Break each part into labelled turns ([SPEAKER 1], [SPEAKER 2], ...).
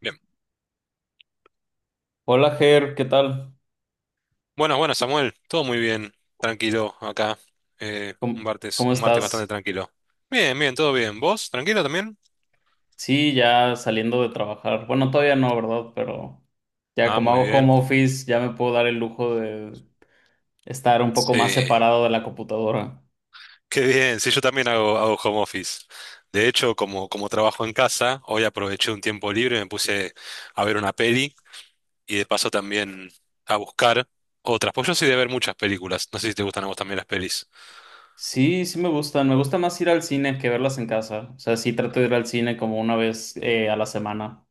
[SPEAKER 1] Bien.
[SPEAKER 2] Hola Ger, ¿qué tal?
[SPEAKER 1] Bueno, Samuel. Todo muy bien. Tranquilo acá. Un
[SPEAKER 2] ¿Cómo,
[SPEAKER 1] martes,
[SPEAKER 2] cómo
[SPEAKER 1] un martes bastante
[SPEAKER 2] estás?
[SPEAKER 1] tranquilo. Bien, bien, todo bien. ¿Vos? ¿Tranquilo también?
[SPEAKER 2] Sí, ya saliendo de trabajar. Bueno, todavía no, ¿verdad? Pero ya
[SPEAKER 1] Ah,
[SPEAKER 2] como
[SPEAKER 1] muy
[SPEAKER 2] hago
[SPEAKER 1] bien.
[SPEAKER 2] home office, ya me puedo dar el lujo de estar un poco
[SPEAKER 1] Sí,
[SPEAKER 2] más separado de la computadora.
[SPEAKER 1] qué bien. Sí, yo también hago home office. De hecho, como trabajo en casa, hoy aproveché un tiempo libre, me puse a ver una peli y de paso también a buscar otras. Pues yo soy de ver muchas películas. No sé si te gustan a vos también las pelis.
[SPEAKER 2] Sí, sí me gustan. Me gusta más ir al cine que verlas en casa. O sea, sí trato de ir al cine como una vez a la semana.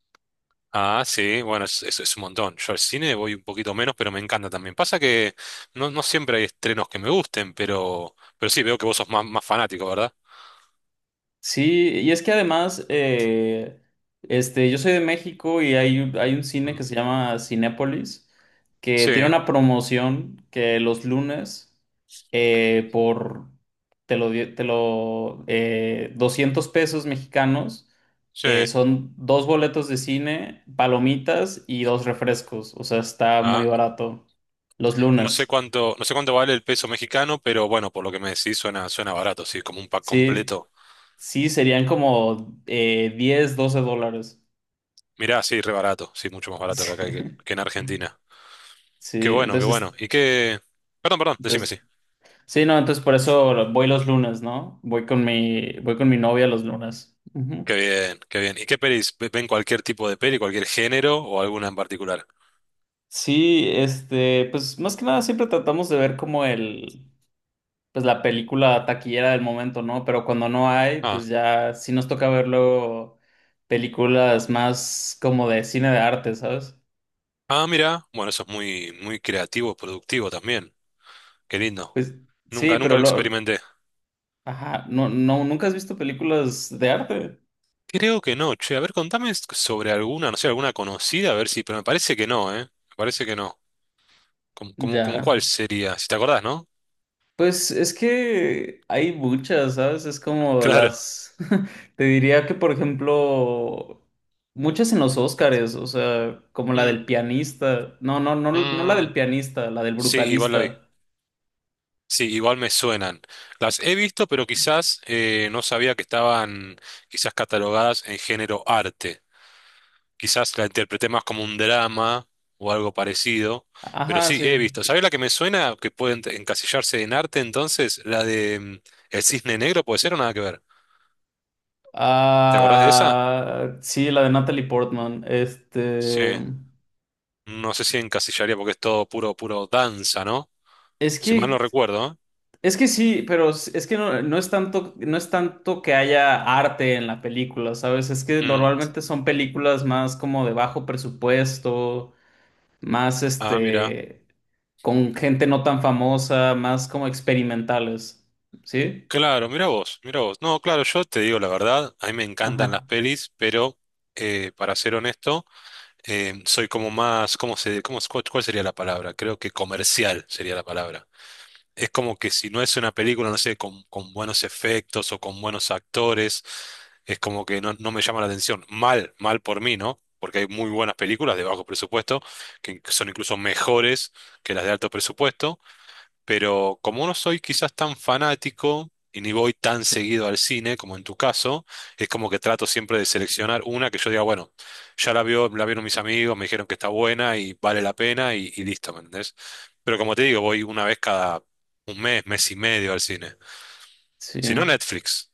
[SPEAKER 1] Ah, sí, bueno, es un montón. Yo al cine voy un poquito menos, pero me encanta también. Pasa que no siempre hay estrenos que me gusten, pero sí, veo que vos sos más fanático, ¿verdad?
[SPEAKER 2] Sí, y es que además, yo soy de México y hay un cine
[SPEAKER 1] Mm.
[SPEAKER 2] que se llama Cinépolis, que
[SPEAKER 1] Sí,
[SPEAKER 2] tiene una promoción que los lunes, por, te lo, di- te lo, 200 pesos mexicanos,
[SPEAKER 1] sí.
[SPEAKER 2] son dos boletos de cine, palomitas y dos refrescos, o sea, está muy
[SPEAKER 1] Ah,
[SPEAKER 2] barato. Los lunes,
[SPEAKER 1] no sé cuánto vale el peso mexicano, pero bueno, por lo que me decís suena barato, sí, como un pack
[SPEAKER 2] sí,
[SPEAKER 1] completo.
[SPEAKER 2] sí, serían como 10, 12 dólares.
[SPEAKER 1] Mirá, sí, re barato, sí, mucho más barato que que en Argentina. Qué
[SPEAKER 2] Sí,
[SPEAKER 1] bueno, qué
[SPEAKER 2] entonces,
[SPEAKER 1] bueno. ¿Y qué? Perdón, decime
[SPEAKER 2] pues,
[SPEAKER 1] sí.
[SPEAKER 2] sí, no, entonces por eso voy los lunes, ¿no? Voy con voy con mi novia los lunes. Ujú.
[SPEAKER 1] Qué bien, qué bien. ¿Y qué pelis? ¿Ven cualquier tipo de peli, cualquier género o alguna en particular?
[SPEAKER 2] Sí, pues más que nada siempre tratamos de ver pues la película taquillera del momento, ¿no? Pero cuando no hay,
[SPEAKER 1] Ah.
[SPEAKER 2] pues ya sí nos toca ver luego películas más como de cine de arte, ¿sabes?
[SPEAKER 1] Ah, mira, bueno, eso es muy creativo, productivo también. Qué lindo.
[SPEAKER 2] Pues sí,
[SPEAKER 1] Nunca
[SPEAKER 2] pero
[SPEAKER 1] lo
[SPEAKER 2] lo,
[SPEAKER 1] experimenté.
[SPEAKER 2] ajá, ¿nunca has visto películas de arte?
[SPEAKER 1] Creo que no, che. A ver, sobre alguna, no sé, alguna conocida, a ver si, pero me parece que no, ¿eh? Me parece que no. ¿Como
[SPEAKER 2] Ya.
[SPEAKER 1] cuál sería? Si te acordás, ¿no?
[SPEAKER 2] Pues es que hay muchas, ¿sabes? Es como
[SPEAKER 1] Claro.
[SPEAKER 2] las... Te diría que, por ejemplo, muchas en los Óscares, o sea, como la del
[SPEAKER 1] Mm,
[SPEAKER 2] pianista. No, la
[SPEAKER 1] mm,
[SPEAKER 2] del pianista, la del
[SPEAKER 1] sí, igual la vi.
[SPEAKER 2] brutalista.
[SPEAKER 1] Sí, igual me suenan. Las he visto, pero quizás no sabía que estaban quizás catalogadas en género arte. Quizás la interpreté más como un drama o algo parecido, pero
[SPEAKER 2] Ajá,
[SPEAKER 1] sí, he
[SPEAKER 2] sí.
[SPEAKER 1] visto. ¿Sabés la que me suena que puede encasillarse en arte entonces? La de mm, El Cisne Negro, puede ser o nada que ver. ¿Te acordás de esa?
[SPEAKER 2] Ah, sí, la de Natalie Portman.
[SPEAKER 1] Sí,
[SPEAKER 2] Este...
[SPEAKER 1] no sé si encasillaría porque es todo puro, puro danza, ¿no?
[SPEAKER 2] Es
[SPEAKER 1] Si mal no
[SPEAKER 2] que
[SPEAKER 1] recuerdo,
[SPEAKER 2] Es que sí, pero es que no, no es tanto, no es tanto que haya arte en la película, ¿sabes? Es que
[SPEAKER 1] ¿eh? Mm.
[SPEAKER 2] normalmente son películas más como de bajo presupuesto, más
[SPEAKER 1] Ah, mira.
[SPEAKER 2] con gente no tan famosa, más como experimentales, ¿sí?
[SPEAKER 1] Claro, mira vos, mira vos. No, claro, yo te digo la verdad, a mí me encantan las
[SPEAKER 2] Ajá,
[SPEAKER 1] pelis, pero para ser honesto, soy como más, ¿cómo se, cómo, cuál sería la palabra? Creo que comercial sería la palabra. Es como que si no es una película, no sé, con buenos efectos o con buenos actores, es como que no me llama la atención. Mal, mal por mí, ¿no? Porque hay muy buenas películas de bajo presupuesto, que son incluso mejores que las de alto presupuesto, pero como no soy quizás tan fanático y ni voy tan seguido al cine como en tu caso, es como que trato siempre de seleccionar una que yo diga, bueno, la vieron mis amigos, me dijeron que está buena y vale la pena y listo, ¿me entendés? Pero como te digo, voy una vez cada un mes, mes y medio al cine.
[SPEAKER 2] sí,
[SPEAKER 1] Si no, Netflix.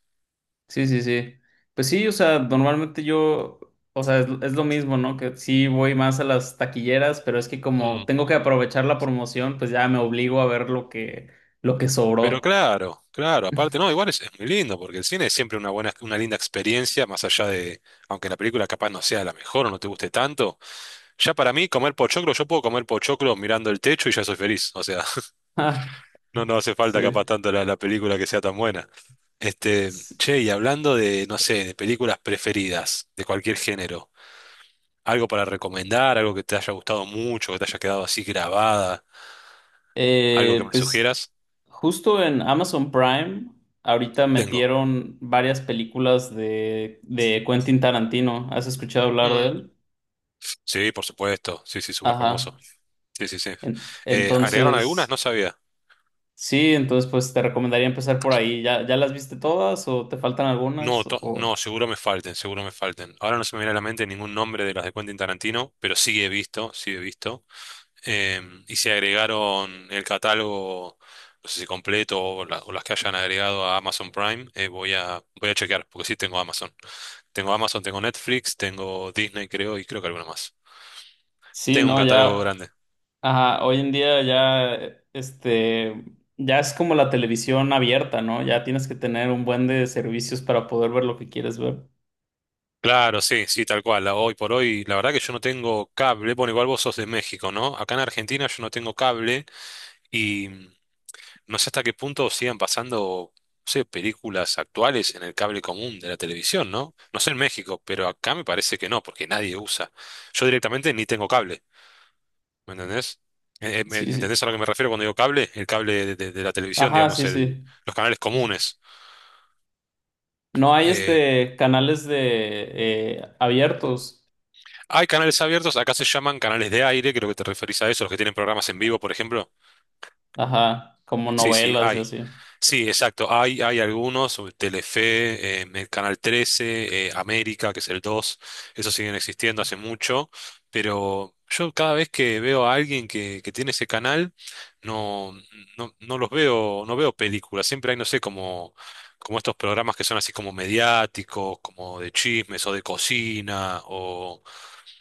[SPEAKER 2] sí, sí, sí. Pues sí, o sea, normalmente yo, o sea, es lo mismo, ¿no? Que sí voy más a las taquilleras, pero es que como
[SPEAKER 1] Mm.
[SPEAKER 2] tengo que aprovechar la promoción, pues ya me obligo a ver lo que
[SPEAKER 1] Pero
[SPEAKER 2] sobró.
[SPEAKER 1] claro, claro, aparte, no, igual es muy lindo, porque el cine es siempre una buena, una linda experiencia, más allá de, aunque la película capaz no sea la mejor o no te guste tanto. Ya para mí, comer pochoclo, yo puedo comer pochoclo mirando el techo y ya soy feliz. O sea,
[SPEAKER 2] Ah,
[SPEAKER 1] no, no hace falta capaz
[SPEAKER 2] sí.
[SPEAKER 1] tanto la película que sea tan buena. Este,
[SPEAKER 2] S-
[SPEAKER 1] che, y hablando de, no sé, de películas preferidas, de cualquier género, algo para recomendar, algo que te haya gustado mucho, que te haya quedado así grabada, algo que
[SPEAKER 2] eh,
[SPEAKER 1] me
[SPEAKER 2] pues
[SPEAKER 1] sugieras,
[SPEAKER 2] Justo en Amazon Prime, ahorita
[SPEAKER 1] tengo.
[SPEAKER 2] metieron varias películas de Quentin Tarantino. ¿Has escuchado hablar de
[SPEAKER 1] Mm.
[SPEAKER 2] él?
[SPEAKER 1] Sí, por supuesto, sí, sí, súper famoso.
[SPEAKER 2] Ajá.
[SPEAKER 1] Sí, sí, sí. ¿Agregaron algunas? No
[SPEAKER 2] Entonces,
[SPEAKER 1] sabía.
[SPEAKER 2] sí, entonces pues te recomendaría empezar por ahí. ¿Ya las viste todas o te faltan
[SPEAKER 1] No,
[SPEAKER 2] algunas?
[SPEAKER 1] to-
[SPEAKER 2] O...
[SPEAKER 1] no, seguro me falten, seguro me falten. Ahora no se me viene a la mente ningún nombre de las de Quentin Tarantino, pero sí he visto, sí he visto. Eh, y se agregaron el catálogo, no sé si completo o o las que hayan agregado a Amazon Prime, voy a chequear, porque sí tengo Amazon. Tengo Amazon, tengo Netflix, tengo Disney, creo, y creo que alguna más.
[SPEAKER 2] Sí,
[SPEAKER 1] Tengo un
[SPEAKER 2] no,
[SPEAKER 1] catálogo
[SPEAKER 2] ya.
[SPEAKER 1] grande.
[SPEAKER 2] Ajá, hoy en día ya, ya es como la televisión abierta, ¿no? Ya tienes que tener un buen de servicios para poder ver lo que quieres ver.
[SPEAKER 1] Claro, sí, sí, tal cual. Hoy por hoy, la verdad que yo no tengo cable. Bueno, igual vos sos de México, ¿no? Acá en Argentina yo no tengo cable. No sé hasta qué punto sigan pasando, no sé, películas actuales en el cable común de la televisión, ¿no? No sé en México, pero acá me parece que no, porque nadie usa. Yo directamente ni tengo cable, ¿me entendés?
[SPEAKER 2] Sí, sí.
[SPEAKER 1] ¿Entendés a lo que me refiero cuando digo cable? El cable de de la televisión,
[SPEAKER 2] Ajá,
[SPEAKER 1] digamos,
[SPEAKER 2] sí,
[SPEAKER 1] el,
[SPEAKER 2] sí.
[SPEAKER 1] los canales
[SPEAKER 2] Sí, sí.
[SPEAKER 1] comunes.
[SPEAKER 2] No hay,
[SPEAKER 1] Eh,
[SPEAKER 2] canales de, abiertos.
[SPEAKER 1] Hay canales abiertos, acá se llaman canales de aire, creo que te referís a eso, los que tienen programas en vivo, por ejemplo.
[SPEAKER 2] Ajá, como
[SPEAKER 1] Sí, sí,
[SPEAKER 2] novelas y
[SPEAKER 1] hay.
[SPEAKER 2] así.
[SPEAKER 1] Sí, exacto. Hay algunos, sobre Telefe, el Canal 13, América, que es el 2, esos siguen existiendo hace mucho, pero yo cada vez que veo a alguien que tiene ese canal, no, no los veo, no veo películas. Siempre hay, no sé, como estos programas que son así como mediáticos, como de chismes o de cocina o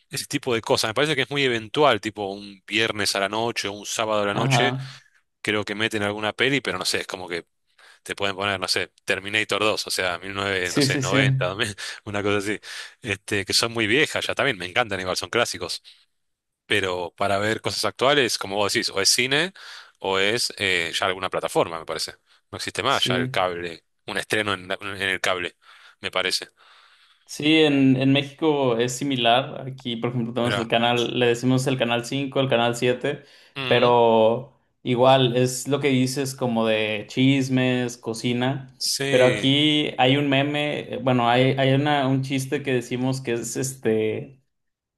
[SPEAKER 1] ese tipo de cosas. Me parece que es muy eventual, tipo un viernes a la noche o un sábado a la noche
[SPEAKER 2] Ajá.
[SPEAKER 1] creo que meten alguna peli, pero no sé, es como que te pueden poner, no sé, Terminator dos o sea, 19, no
[SPEAKER 2] Sí,
[SPEAKER 1] sé,
[SPEAKER 2] sí, sí.
[SPEAKER 1] 90, una cosa así, este, que son muy viejas ya también, me encantan igual, son clásicos, pero para ver cosas actuales, como vos decís, o es cine o es ya alguna plataforma, me parece. No existe más ya
[SPEAKER 2] Sí.
[SPEAKER 1] el cable, un estreno en, en el cable, me parece.
[SPEAKER 2] Sí, en México es similar. Aquí, por ejemplo, tenemos el
[SPEAKER 1] Mira,
[SPEAKER 2] canal, le decimos el canal 5, el canal 7, pero igual es lo que dices como de chismes, cocina. Pero
[SPEAKER 1] sí.
[SPEAKER 2] aquí hay un meme, hay un chiste que decimos que es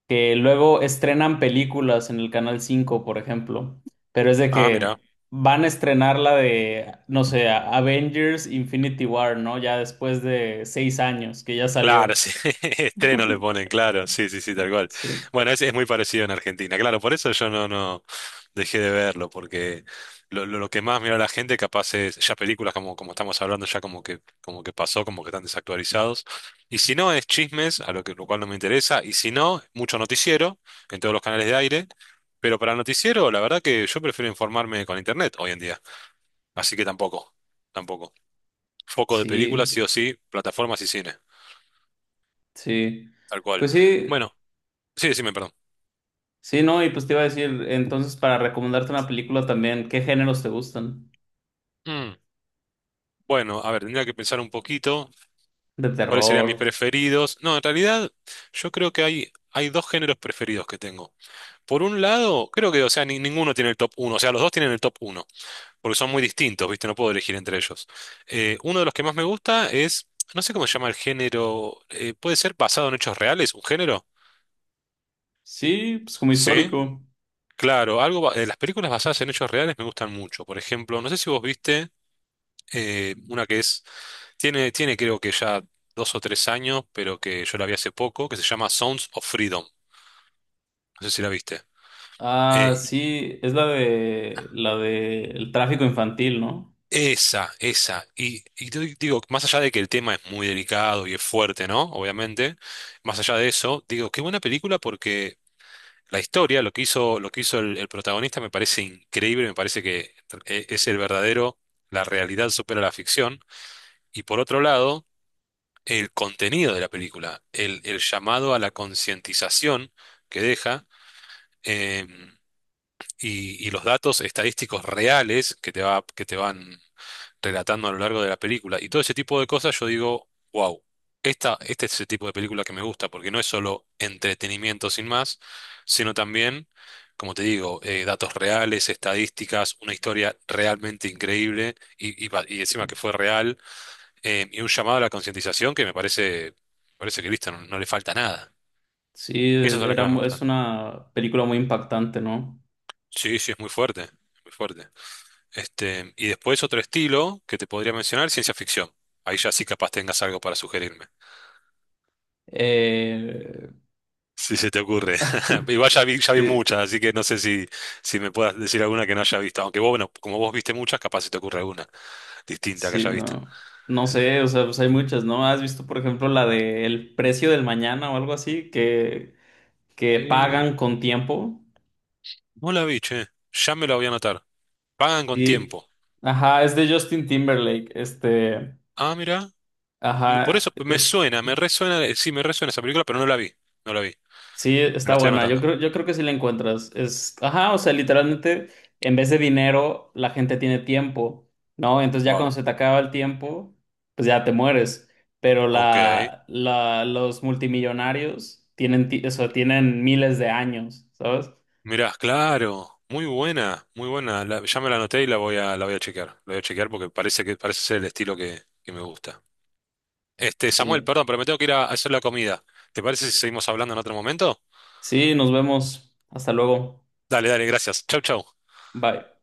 [SPEAKER 2] que luego estrenan películas en el canal 5, por ejemplo, pero es de
[SPEAKER 1] Ah, mira.
[SPEAKER 2] que van a estrenar la de, no sé, Avengers Infinity War, ¿no? Ya después de 6 años que ya
[SPEAKER 1] Claro,
[SPEAKER 2] salió.
[SPEAKER 1] sí, estreno le ponen, claro, sí, sí, sí, tal cual.
[SPEAKER 2] Sí,
[SPEAKER 1] Bueno, es muy parecido en Argentina, claro, por eso yo no dejé de verlo, porque lo que más mira la gente capaz es ya películas como estamos hablando, ya como que pasó, como que están desactualizados. Y si no, es chismes, a lo cual no me interesa, y si no, mucho noticiero en todos los canales de aire, pero para el noticiero, la verdad que yo prefiero informarme con internet hoy en día, así que tampoco, tampoco. Foco de películas,
[SPEAKER 2] sí,
[SPEAKER 1] sí o sí, plataformas y cine,
[SPEAKER 2] sí.
[SPEAKER 1] tal cual.
[SPEAKER 2] Pues sí,
[SPEAKER 1] Bueno. Sí, decime, perdón.
[SPEAKER 2] sí, no, y pues te iba a decir, entonces para recomendarte una película también, ¿qué géneros te gustan?
[SPEAKER 1] Mm, bueno, a ver, tendría que pensar un poquito
[SPEAKER 2] De
[SPEAKER 1] cuáles serían
[SPEAKER 2] terror.
[SPEAKER 1] mis preferidos. No, en realidad yo creo que hay dos géneros preferidos que tengo. Por un lado, creo que, o sea, ninguno tiene el top uno. O sea, los dos tienen el top uno, porque son muy distintos, ¿viste? No puedo elegir entre ellos. Uno de los que más me gusta es, no sé cómo se llama el género, puede ser basado en hechos reales, un género.
[SPEAKER 2] Sí, pues como
[SPEAKER 1] Sí,
[SPEAKER 2] histórico.
[SPEAKER 1] claro, algo, las películas basadas en hechos reales me gustan mucho. Por ejemplo, no sé si vos viste... una que tiene, tiene creo que ya dos o tres años, pero que yo la vi hace poco, que se llama Sounds of Freedom. No sé si la viste.
[SPEAKER 2] Ah,
[SPEAKER 1] Eh,
[SPEAKER 2] sí, es la de el tráfico infantil, ¿no?
[SPEAKER 1] esa, esa. Y te digo, más allá de que el tema es muy delicado y es fuerte, ¿no? Obviamente, más allá de eso, digo, qué buena película porque la historia, lo que hizo el protagonista me parece increíble, me parece que es el verdadero, la realidad supera la ficción. Y por otro lado, el contenido de la película, el llamado a la concientización que deja eh, y los datos estadísticos reales que te van relatando a lo largo de la película y todo ese tipo de cosas, yo digo, wow, este es el tipo de película que me gusta porque no es solo entretenimiento sin más, sino también, como te digo, datos reales, estadísticas, una historia realmente increíble y encima que
[SPEAKER 2] Sí,
[SPEAKER 1] fue real y un llamado a la concientización que me parece, parece que listo, no, no le falta nada.
[SPEAKER 2] sí,
[SPEAKER 1] Esas son las que más me
[SPEAKER 2] es
[SPEAKER 1] gustan.
[SPEAKER 2] una película muy impactante, ¿no?
[SPEAKER 1] Sí, sí, es muy fuerte, es muy fuerte. Este, y después otro estilo que te podría mencionar, ciencia ficción. Ahí ya sí capaz tengas algo para sugerirme.
[SPEAKER 2] Eh,
[SPEAKER 1] Si se te ocurre. Igual ya vi
[SPEAKER 2] sí,
[SPEAKER 1] muchas, así que no sé si, si me puedas decir alguna que no haya visto. Aunque vos, bueno, como vos viste muchas, capaz se te ocurre alguna distinta que
[SPEAKER 2] sí,
[SPEAKER 1] haya visto.
[SPEAKER 2] no. No sé, o sea, pues hay muchas, ¿no? ¿Has visto, por ejemplo, la de El precio del mañana o algo así? Que
[SPEAKER 1] Eh,
[SPEAKER 2] pagan con tiempo.
[SPEAKER 1] no la vi, che. Ya me la voy a anotar. Pagan con
[SPEAKER 2] Y,
[SPEAKER 1] tiempo.
[SPEAKER 2] ajá, es de Justin Timberlake.
[SPEAKER 1] Ah, mira. Por eso
[SPEAKER 2] Ajá,
[SPEAKER 1] me
[SPEAKER 2] eh,
[SPEAKER 1] suena, me resuena, sí, me resuena esa película, pero no la vi, no la vi.
[SPEAKER 2] sí,
[SPEAKER 1] Me la
[SPEAKER 2] está
[SPEAKER 1] estoy
[SPEAKER 2] buena.
[SPEAKER 1] anotando.
[SPEAKER 2] Yo creo que sí la encuentras. O sea, literalmente, en vez de dinero, la gente tiene tiempo, ¿no? Entonces ya cuando
[SPEAKER 1] Wow.
[SPEAKER 2] se te acaba el tiempo, pues ya te mueres. Pero
[SPEAKER 1] Ok.
[SPEAKER 2] los multimillonarios o sea, tienen miles de años, ¿sabes?
[SPEAKER 1] Mirá, claro. Muy buena, muy buena. Ya me la anoté y la voy a chequear. La voy a chequear porque parece que parece ser el estilo que me gusta. Este, Samuel,
[SPEAKER 2] Sí,
[SPEAKER 1] perdón, pero me tengo que ir a hacer la comida. ¿Te parece si seguimos hablando en otro momento?
[SPEAKER 2] sí, nos vemos. Hasta luego.
[SPEAKER 1] Dale, dale, gracias. Chau, chau.
[SPEAKER 2] Bye.